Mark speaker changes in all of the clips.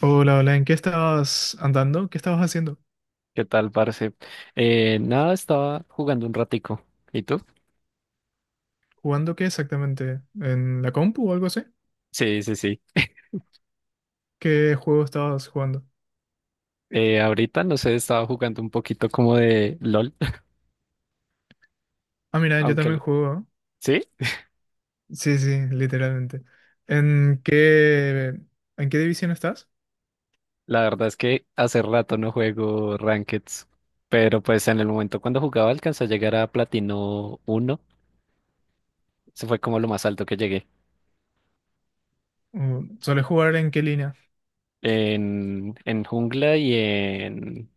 Speaker 1: Hola, hola, ¿en qué estabas andando? ¿Qué estabas haciendo?
Speaker 2: ¿Qué tal, parce? Nada, estaba jugando un ratico. ¿Y tú?
Speaker 1: ¿Jugando qué exactamente? ¿En la compu o algo así?
Speaker 2: Sí, sí, sí.
Speaker 1: ¿Qué juego estabas jugando?
Speaker 2: Ahorita, no sé, estaba jugando un poquito como de LOL,
Speaker 1: Ah, mira, yo
Speaker 2: aunque...
Speaker 1: también
Speaker 2: l-
Speaker 1: juego, ¿no?
Speaker 2: Sí,
Speaker 1: Sí, sí, literalmente. ¿En qué, en qué división estás?
Speaker 2: la verdad es que hace rato no juego Rankeds, pero pues en el momento cuando jugaba alcancé a llegar a Platino uno. Se fue como lo más alto que llegué.
Speaker 1: Mm, ¿sueles jugar en qué línea?
Speaker 2: En jungla y en...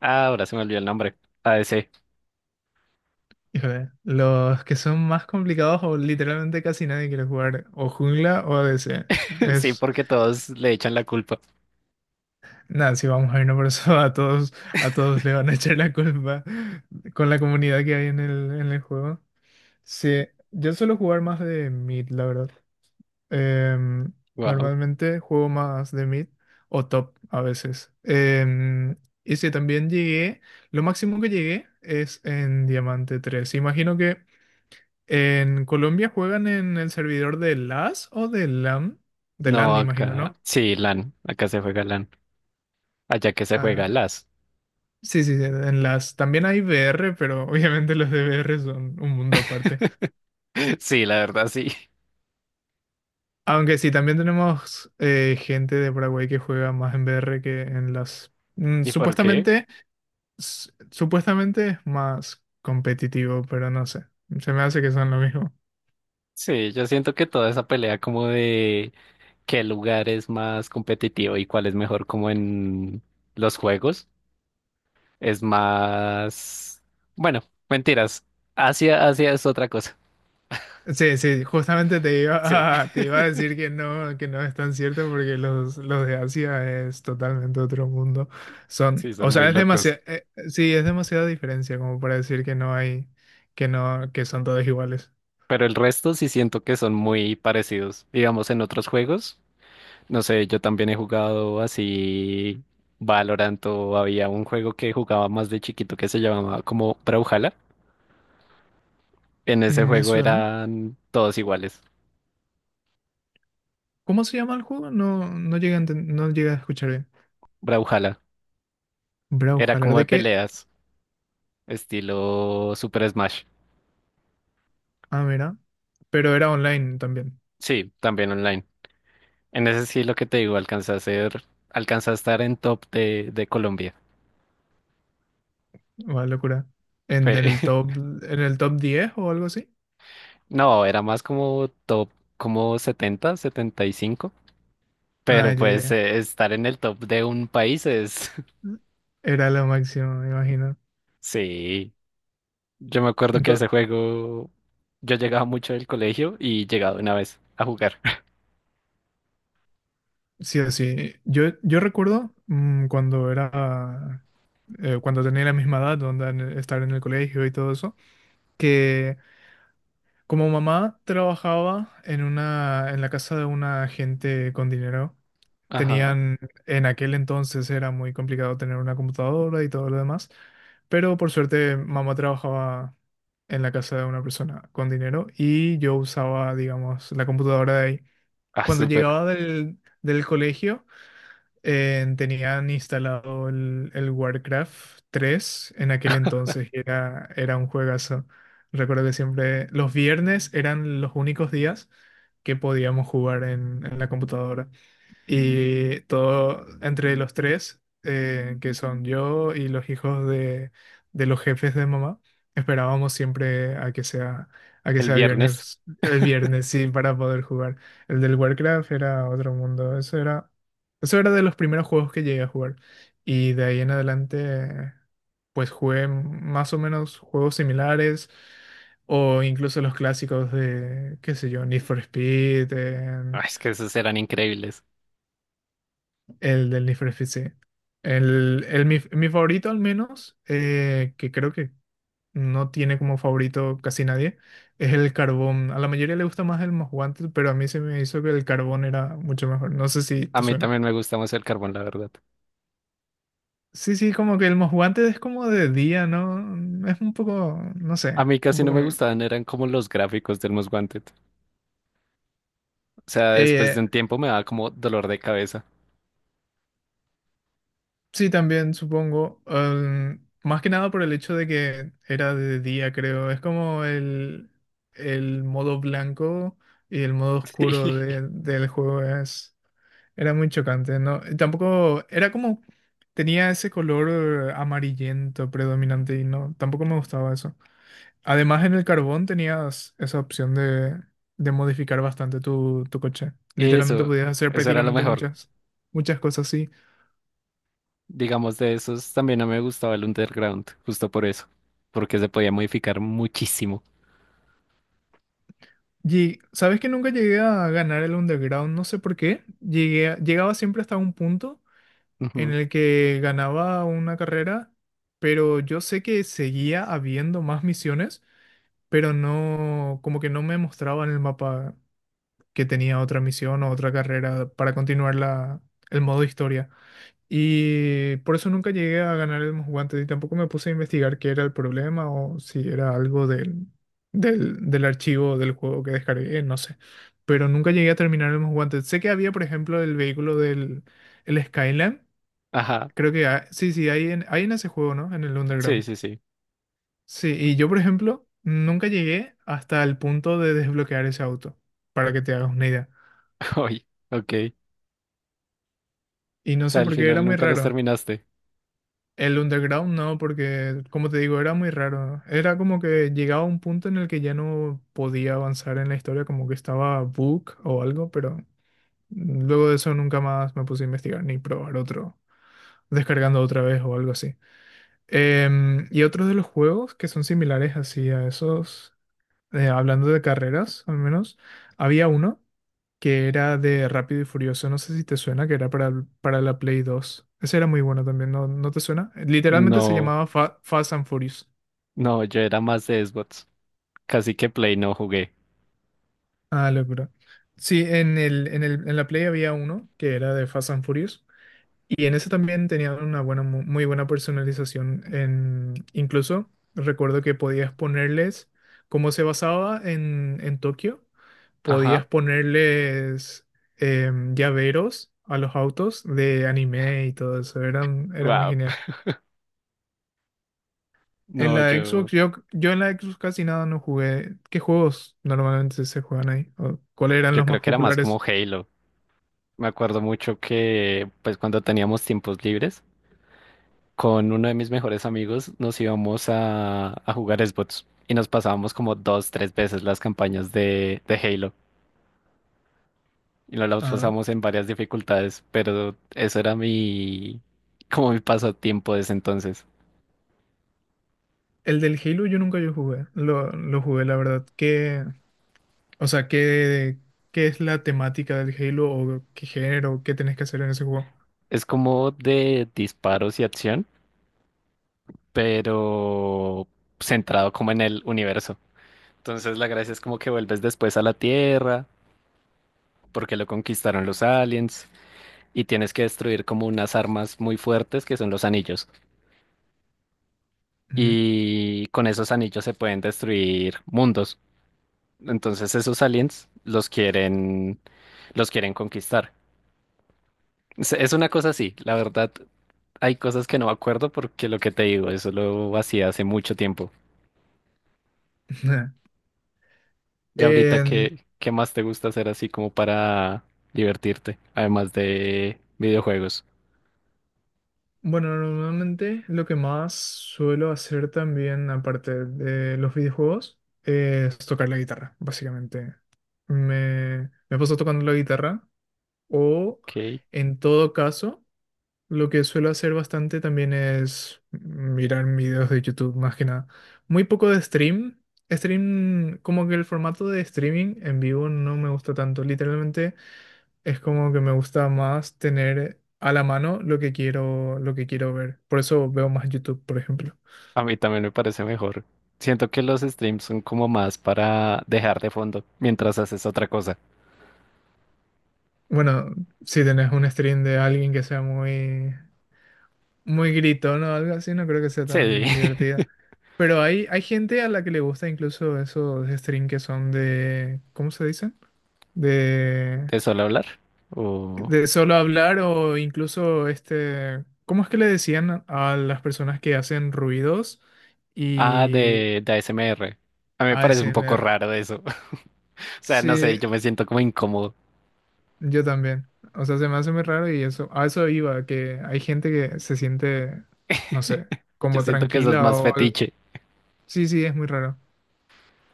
Speaker 2: Ah, ahora se me olvidó el nombre. ADC.
Speaker 1: Híjole, los que son más complicados o literalmente casi nadie quiere jugar o jungla o ADC.
Speaker 2: Sí,
Speaker 1: Es,
Speaker 2: porque todos le echan la culpa.
Speaker 1: nada, si vamos a irnos por eso, a todos le van a echar la culpa con la comunidad que hay en el juego. Sí, yo suelo jugar más de mid, la verdad. Em,
Speaker 2: Wow.
Speaker 1: normalmente juego más de mid o top a veces. Y sí, también llegué, lo máximo que llegué es en Diamante 3. Imagino que en Colombia juegan en el servidor de LAS o de LAN. De
Speaker 2: No,
Speaker 1: LAN, imagino,
Speaker 2: acá...
Speaker 1: ¿no?
Speaker 2: Sí, LAN. Acá se juega LAN. Allá que se juega
Speaker 1: Ah,
Speaker 2: las.
Speaker 1: sí, sí, sí, en LAS. También hay VR, pero obviamente los de VR son un mundo aparte.
Speaker 2: Sí, la verdad sí.
Speaker 1: Aunque sí, también tenemos gente de Paraguay que juega más en VR que en las...
Speaker 2: ¿Y por qué?
Speaker 1: supuestamente, supuestamente es más competitivo, pero no sé. Se me hace que son lo mismo.
Speaker 2: Sí, yo siento que toda esa pelea como de qué lugar es más competitivo y cuál es mejor como en los juegos es más... Bueno, mentiras. Asia, Asia es otra cosa.
Speaker 1: Sí, sí, justamente te
Speaker 2: Sí,
Speaker 1: iba a, te iba a decir que no es tan cierto porque los de Asia es totalmente otro mundo. Son,
Speaker 2: sí,
Speaker 1: o
Speaker 2: son muy
Speaker 1: sea, es
Speaker 2: locos.
Speaker 1: demasiado, sí, es demasiada diferencia como para decir que no hay, que no, que son todos iguales.
Speaker 2: Pero el resto sí siento que son muy parecidos. Digamos, en otros juegos. No sé, yo también he jugado así Valorant o había un juego que jugaba más de chiquito que se llamaba como Brawlhalla. En ese
Speaker 1: Mm, me
Speaker 2: juego
Speaker 1: suena.
Speaker 2: eran todos iguales.
Speaker 1: ¿Cómo se llama el juego? No, no llegué a, no llegué a escuchar bien.
Speaker 2: Brawlhalla. Era
Speaker 1: Brawlhalla,
Speaker 2: como de
Speaker 1: ¿de qué?
Speaker 2: peleas, estilo Super Smash.
Speaker 1: Ah, mira. Pero era online también.
Speaker 2: Sí, también online. En ese sí lo que te digo, alcancé a ser, alcancé a estar en top de Colombia.
Speaker 1: Una locura. ¿En
Speaker 2: Fue-
Speaker 1: el top, en el top 10 o algo así?
Speaker 2: no, era más como top, como 70 75.
Speaker 1: Ah,
Speaker 2: Pero
Speaker 1: ya,
Speaker 2: pues
Speaker 1: ya,
Speaker 2: estar en el top de un país es...
Speaker 1: ya. Era lo máximo, me imagino.
Speaker 2: Sí, yo me acuerdo que
Speaker 1: Entonces,
Speaker 2: ese juego yo llegaba mucho del colegio y llegaba una vez a jugar.
Speaker 1: sí, sí. Yo recuerdo cuando era, cuando tenía la misma edad, donde estar en el colegio y todo eso, que como mamá trabajaba en una, en la casa de una gente con dinero.
Speaker 2: Ajá.
Speaker 1: Tenían, en aquel entonces era muy complicado tener una computadora y todo lo demás, pero por suerte mamá trabajaba en la casa de una persona con dinero y yo usaba, digamos, la computadora de ahí.
Speaker 2: Ah,
Speaker 1: Cuando
Speaker 2: súper.
Speaker 1: llegaba del, del colegio, tenían instalado el Warcraft 3 en aquel entonces y era, era un juegazo. Recuerdo que siempre los viernes eran los únicos días que podíamos jugar en la computadora. Y todo entre los tres, que son yo y los hijos de los jefes de mamá, esperábamos siempre a que
Speaker 2: El
Speaker 1: sea
Speaker 2: viernes.
Speaker 1: viernes, el viernes, sí, para poder jugar. El del Warcraft era otro mundo, eso era de los primeros juegos que llegué a jugar. Y de ahí en adelante, pues jugué más o menos juegos similares, o incluso los clásicos de, qué sé yo, Need for Speed,
Speaker 2: Ah, es que esos eran increíbles.
Speaker 1: el del Need for Speed, sí. El, mi favorito al menos, que creo que no tiene como favorito casi nadie, es el Carbón. A la mayoría le gusta más el Most Wanted, pero a mí se me hizo que el Carbón era mucho mejor. No sé si
Speaker 2: A
Speaker 1: te
Speaker 2: mí
Speaker 1: suena.
Speaker 2: también me gusta más el carbón, la verdad.
Speaker 1: Sí, sí, como que el Most Wanted es como de día, ¿no? Es un poco, no
Speaker 2: A
Speaker 1: sé,
Speaker 2: mí
Speaker 1: un
Speaker 2: casi no
Speaker 1: poco...
Speaker 2: me gustaban, eran como los gráficos del Most Wanted. O sea, después de
Speaker 1: eh,
Speaker 2: un tiempo me daba como dolor de cabeza.
Speaker 1: Sí, también supongo. Más que nada por el hecho de que era de día, creo. Es como el modo blanco y el modo oscuro
Speaker 2: Sí.
Speaker 1: del juego es, era muy chocante, ¿no? Y tampoco era como tenía ese color amarillento predominante y no, tampoco me gustaba eso. Además, en el carbón tenías esa opción de modificar bastante tu, tu coche. Literalmente
Speaker 2: Eso,
Speaker 1: podías hacer
Speaker 2: eso era lo
Speaker 1: prácticamente
Speaker 2: mejor.
Speaker 1: muchas, muchas cosas así.
Speaker 2: Digamos, de esos también no me gustaba el Underground, justo por eso. Porque se podía modificar muchísimo.
Speaker 1: Y sabes que nunca llegué a ganar el underground, no sé por qué. Llegaba siempre hasta un punto en
Speaker 2: Ujú.
Speaker 1: el que ganaba una carrera, pero yo sé que seguía habiendo más misiones, pero no, como que no me mostraba en el mapa que tenía otra misión o otra carrera para continuar la, el modo historia. Y por eso nunca llegué a ganar el guantes y tampoco me puse a investigar qué era el problema o si era algo del, del, del archivo del juego que descargué, no sé. Pero nunca llegué a terminar el guantes. Sé que había, por ejemplo, el vehículo del el Skyline.
Speaker 2: Ajá.
Speaker 1: Creo que sí, sí, hay en, hay en ese juego, ¿no? En el
Speaker 2: Sí,
Speaker 1: Underground.
Speaker 2: sí, sí.
Speaker 1: Sí, y yo, por ejemplo, nunca llegué hasta el punto de desbloquear ese auto, para que te hagas una idea.
Speaker 2: Oye, ok.
Speaker 1: Y no
Speaker 2: Sea,
Speaker 1: sé
Speaker 2: al
Speaker 1: por qué, era
Speaker 2: final
Speaker 1: muy
Speaker 2: nunca los
Speaker 1: raro.
Speaker 2: terminaste.
Speaker 1: El underground no, porque como te digo, era muy raro. Era como que llegaba a un punto en el que ya no podía avanzar en la historia, como que estaba book o algo, pero luego de eso nunca más me puse a investigar ni probar otro, descargando otra vez o algo así. Y otros de los juegos que son similares así a esos, hablando de carreras al menos, había uno que era de Rápido y Furioso, no sé si te suena, que era para la Play 2. Ese era muy bueno también, ¿no, no te suena? Literalmente se
Speaker 2: No,
Speaker 1: llamaba Fast and Furious.
Speaker 2: no, yo era más de Xbox. Casi que Play no jugué.
Speaker 1: Ah, locura. Sí, en el, en el, en la Play había uno que era de Fast and Furious. Y en eso también tenían una buena, muy buena personalización. Incluso recuerdo que podías ponerles, como se basaba en Tokio, podías
Speaker 2: Ajá.
Speaker 1: ponerles llaveros a los autos de anime y todo eso. Era muy
Speaker 2: Wow.
Speaker 1: genial. En
Speaker 2: No,
Speaker 1: la
Speaker 2: yo,
Speaker 1: Xbox, yo en la Xbox casi nada no jugué. ¿Qué juegos normalmente se juegan ahí? ¿O cuáles eran
Speaker 2: yo
Speaker 1: los
Speaker 2: creo
Speaker 1: más
Speaker 2: que era más como
Speaker 1: populares?
Speaker 2: Halo. Me acuerdo mucho que, pues, cuando teníamos tiempos libres, con uno de mis mejores amigos nos íbamos a jugar Xbox y nos pasábamos como dos, tres veces las campañas de Halo y nos las
Speaker 1: Ah,
Speaker 2: pasamos en varias dificultades, pero eso era mi, como mi pasatiempo desde entonces.
Speaker 1: el del Halo yo nunca yo jugué. Lo jugué, la verdad. O sea, ¿qué es la temática del Halo o qué género, qué tenés que hacer en ese juego?
Speaker 2: Es como de disparos y acción, pero centrado como en el universo. Entonces la gracia es como que vuelves después a la Tierra, porque lo conquistaron los aliens, y tienes que destruir como unas armas muy fuertes que son los anillos.
Speaker 1: Ujú.
Speaker 2: Y con esos anillos se pueden destruir mundos. Entonces esos aliens los quieren conquistar. Es una cosa así, la verdad, hay cosas que no me acuerdo porque lo que te digo, eso lo hacía hace mucho tiempo. Y ahorita,
Speaker 1: En-
Speaker 2: ¿qué más te gusta hacer así como para divertirte? Además de videojuegos.
Speaker 1: bueno, normalmente lo que más suelo hacer también, aparte de los videojuegos, es tocar la guitarra, básicamente. Me paso tocando la guitarra o,
Speaker 2: Ok.
Speaker 1: en todo caso, lo que suelo hacer bastante también es mirar videos de YouTube, más que nada. Muy poco de stream. Stream, como que el formato de streaming en vivo no me gusta tanto. Literalmente es como que me gusta más tener a la mano lo que quiero ver. Por eso veo más YouTube, por ejemplo.
Speaker 2: A mí también me parece mejor. Siento que los streams son como más para dejar de fondo mientras haces otra cosa.
Speaker 1: Bueno, si tenés un stream de alguien que sea muy, muy gritón o algo así, no creo que sea
Speaker 2: Sí.
Speaker 1: tan divertida. Pero hay gente a la que le gusta incluso esos streams que son de, ¿cómo se dice? de,
Speaker 2: ¿Te suelo hablar? O...
Speaker 1: de solo hablar o incluso este, ¿cómo es que le decían a las personas que hacen ruidos
Speaker 2: Ah,
Speaker 1: y
Speaker 2: de A S M R. A mí me parece un poco
Speaker 1: ASMR?
Speaker 2: raro eso. O sea, no sé,
Speaker 1: Sí,
Speaker 2: yo me siento como incómodo.
Speaker 1: yo también. O sea, se me hace muy raro y eso, a eso iba, que hay gente que se siente, no sé,
Speaker 2: Yo
Speaker 1: como
Speaker 2: siento que eso es
Speaker 1: tranquila
Speaker 2: más
Speaker 1: o algo.
Speaker 2: fetiche.
Speaker 1: Sí, sí, es muy raro.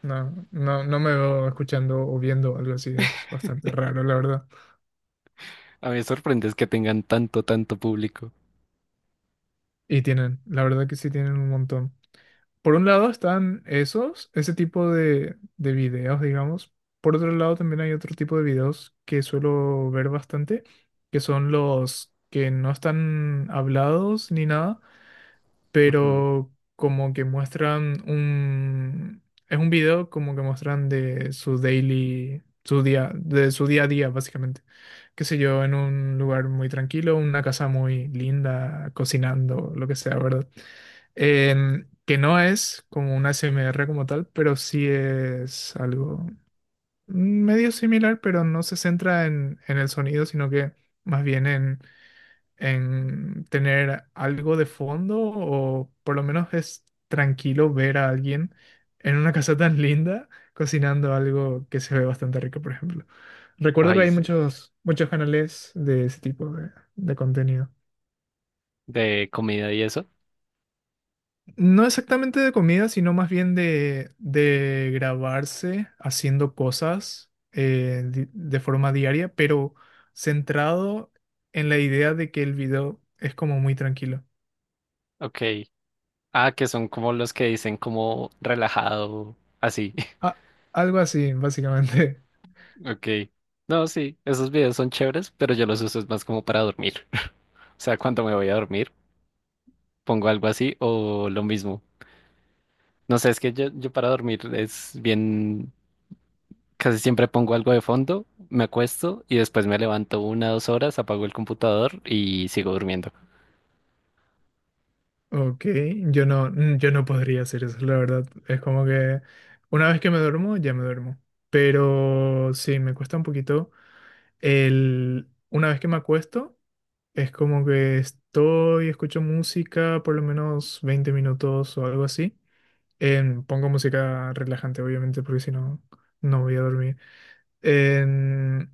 Speaker 1: No, no, no me veo escuchando o viendo algo así, es bastante raro, la verdad.
Speaker 2: A mí me sorprende es que tengan tanto, tanto público.
Speaker 1: Y tienen, la verdad que sí tienen un montón. Por un lado están esos, ese tipo de videos, digamos. Por otro lado también hay otro tipo de videos que suelo ver bastante, que son los que no están hablados ni nada,
Speaker 2: Ujú.
Speaker 1: pero como que muestran un... Es un video como que muestran de su daily, su día, de su día a día, básicamente. Qué sé yo, en un lugar muy tranquilo, una casa muy linda, cocinando, lo que sea, ¿verdad? Que no es como una ASMR como tal, pero sí es algo medio similar, pero no se centra en el sonido, sino que más bien en tener algo de fondo o por lo menos es tranquilo ver a alguien en una casa tan linda cocinando algo que se ve bastante rico, por ejemplo. Recuerdo que
Speaker 2: Ay,
Speaker 1: hay
Speaker 2: sí.
Speaker 1: muchos, muchos canales de ese tipo de contenido.
Speaker 2: De comida y eso.
Speaker 1: No exactamente de comida, sino más bien de grabarse haciendo cosas de forma diaria, pero centrado en la idea de que el video es como muy tranquilo.
Speaker 2: Ok. Ah, que son como los que dicen como relajado, así.
Speaker 1: Ah, algo así, básicamente.
Speaker 2: Ok. No, sí, esos videos son chéveres, pero yo los uso es más como para dormir. O sea, cuando me voy a dormir, pongo algo así o lo mismo. No sé, es que yo para dormir es bien, casi siempre pongo algo de fondo, me acuesto y después me levanto 1 2 horas, apago el computador y sigo durmiendo.
Speaker 1: Ok, yo no, mm, yo no podría hacer eso, la verdad. Es como que una vez que me duermo, ya me duermo. Pero sí, me cuesta un poquito. El, una vez que me acuesto, es como que estoy, escucho música por lo menos 20 minutos o algo así. Pongo música relajante, obviamente, porque si no, no voy a dormir. Em,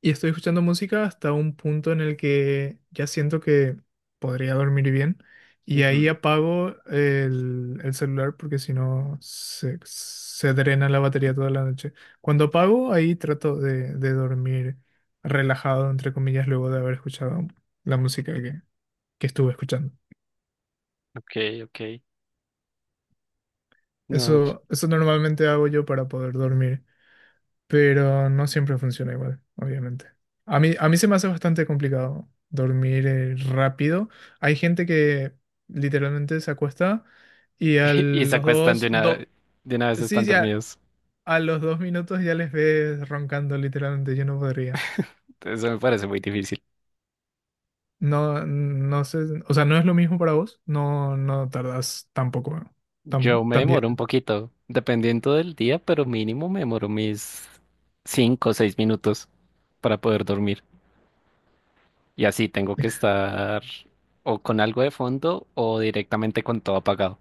Speaker 1: Y estoy escuchando música hasta un punto en el que ya siento que podría dormir bien. Y ahí
Speaker 2: Ujú.
Speaker 1: apago el celular porque si no se drena la batería toda la noche. Cuando apago, ahí trato de dormir relajado, entre comillas, luego de haber escuchado la música que estuve escuchando.
Speaker 2: Ok, ok. No, yo-
Speaker 1: Eso normalmente hago yo para poder dormir, pero no siempre funciona igual, obviamente. A mí se me hace bastante complicado dormir rápido. Hay gente que literalmente se acuesta y a
Speaker 2: Y se
Speaker 1: los
Speaker 2: acuestan de
Speaker 1: dos,
Speaker 2: una,
Speaker 1: do-
Speaker 2: de una vez
Speaker 1: sí,
Speaker 2: están
Speaker 1: ya
Speaker 2: dormidos.
Speaker 1: a los 2 minutos ya les ves roncando, literalmente. Yo no podría.
Speaker 2: Eso me parece muy difícil.
Speaker 1: No, no sé, o sea, no es lo mismo para vos. No, no tardas tampoco,
Speaker 2: Yo
Speaker 1: tan,
Speaker 2: me
Speaker 1: también.
Speaker 2: demoro un poquito, dependiendo del día, pero mínimo me demoro mis 5 o 6 minutos para poder dormir. Y así tengo que estar o con algo de fondo o directamente con todo apagado.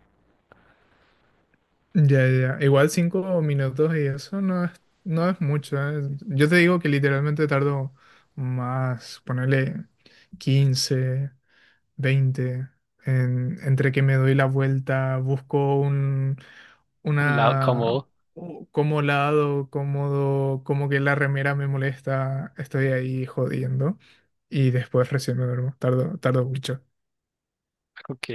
Speaker 1: Ya, ya. Igual 5 minutos y eso no es, no es mucho, ¿eh? Yo te digo que literalmente tardo más, ponerle 15, 20 entre que me doy la vuelta, busco un,
Speaker 2: La,
Speaker 1: una,
Speaker 2: como,
Speaker 1: como lado, cómodo, como que la remera me molesta, estoy ahí jodiendo y después recién me duermo, tardo, tardo mucho.
Speaker 2: ok,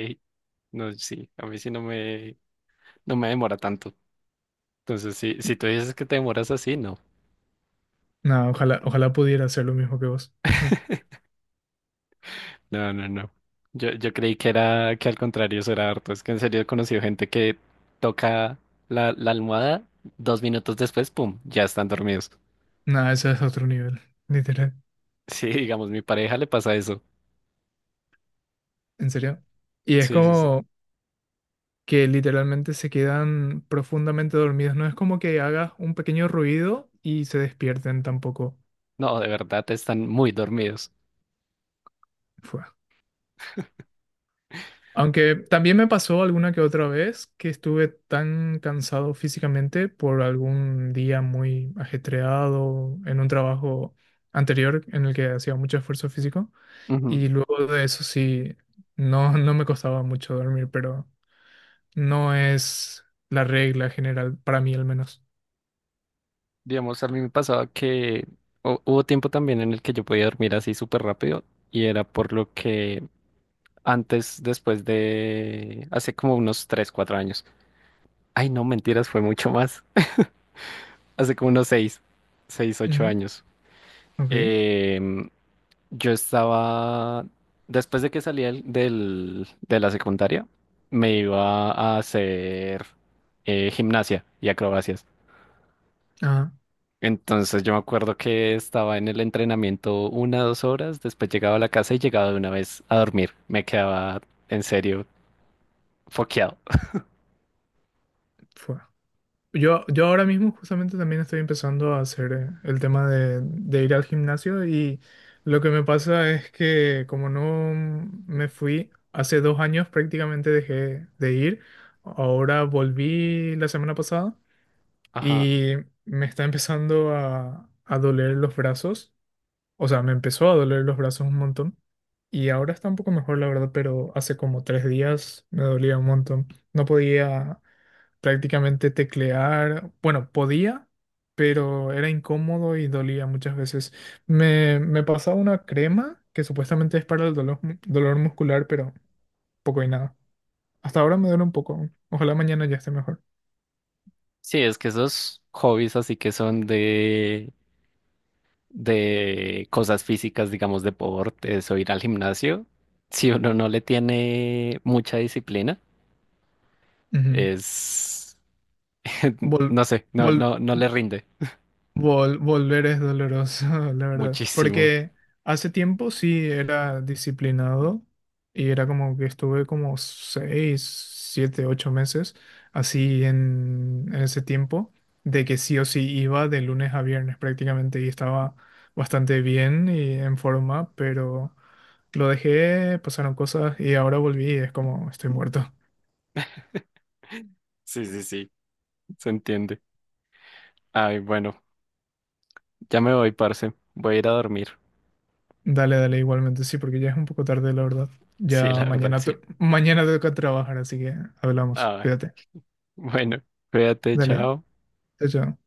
Speaker 2: no, sí, a mí sí no me demora tanto. Entonces, si tú dices que te demoras así, no.
Speaker 1: Nada, ojalá, ojalá pudiera hacer lo mismo que vos.
Speaker 2: No, no, no. Yo creí que era que al contrario eso era harto. Es que en serio he conocido gente que toca la almohada, 2 minutos después, pum, ya están dormidos.
Speaker 1: Nada, ese es otro nivel, literal.
Speaker 2: Sí, digamos, mi pareja le pasa eso.
Speaker 1: ¿En serio? Y es
Speaker 2: Sí, sí, sí.
Speaker 1: como que literalmente se quedan profundamente dormidos. No es como que hagas un pequeño ruido y se despierten tampoco.
Speaker 2: No, de verdad están muy dormidos.
Speaker 1: Fue. Aunque también me pasó alguna que otra vez que estuve tan cansado físicamente por algún día muy ajetreado en un trabajo anterior en el que hacía mucho esfuerzo físico.
Speaker 2: Ujú.
Speaker 1: Y luego de eso sí, no, no me costaba mucho dormir, pero no es la regla general, para mí al menos.
Speaker 2: Digamos, a mí me pasaba que hubo tiempo también en el que yo podía dormir así súper rápido y era por lo que antes, después de hace como unos 3, 4 años. Ay, no, mentiras, fue mucho más. Hace como unos 6, ocho
Speaker 1: Ujú.
Speaker 2: años.
Speaker 1: Ok.
Speaker 2: Em, yo estaba, después de que salí de la secundaria, me iba a hacer gimnasia y acrobacias.
Speaker 1: Ah,
Speaker 2: Entonces yo me acuerdo que estaba en el entrenamiento 1, 2 horas, después llegaba a la casa y llegaba de una vez a dormir. Me quedaba en serio foqueado.
Speaker 1: fue. Yo ahora mismo justamente también estoy empezando a hacer el tema de ir al gimnasio y lo que me pasa es que como no me fui hace 2 años, prácticamente dejé de ir, ahora volví la semana pasada
Speaker 2: Ajá.
Speaker 1: y me está empezando a doler los brazos, o sea, me empezó a doler los brazos un montón y ahora está un poco mejor la verdad, pero hace como 3 días me dolía un montón. No podía prácticamente teclear, bueno, podía, pero era incómodo y dolía muchas veces. Me pasaba una crema que supuestamente es para el dolor, dolor muscular, pero poco y nada. Hasta ahora me duele un poco. Ojalá mañana ya esté mejor.
Speaker 2: Sí, es que esos hobbies así que son de cosas físicas, digamos, deportes o ir al gimnasio, si uno no le tiene mucha disciplina,
Speaker 1: Ujú.
Speaker 2: es,
Speaker 1: Vol-
Speaker 2: no sé, no,
Speaker 1: vol-
Speaker 2: no, no le rinde
Speaker 1: volver es doloroso, la verdad.
Speaker 2: muchísimo.
Speaker 1: Porque hace tiempo sí era disciplinado y era como que estuve como seis, siete, ocho meses así en ese tiempo, de que sí o sí iba de lunes a viernes prácticamente y estaba bastante bien y en forma, pero lo dejé, pasaron cosas y ahora volví y es como estoy muerto.
Speaker 2: Sí, sí, sí, se entiende. Ay, bueno, ya me voy, parce. Voy a ir a dormir.
Speaker 1: Dale, dale, igualmente, sí, porque ya es un poco tarde, la verdad.
Speaker 2: Sí,
Speaker 1: Ya
Speaker 2: la verdad,
Speaker 1: mañana,
Speaker 2: sí.
Speaker 1: mañana toca trabajar, así que hablamos.
Speaker 2: Ay,
Speaker 1: Cuídate.
Speaker 2: bueno, cuídate,
Speaker 1: Dale,
Speaker 2: chao.
Speaker 1: chao, chao.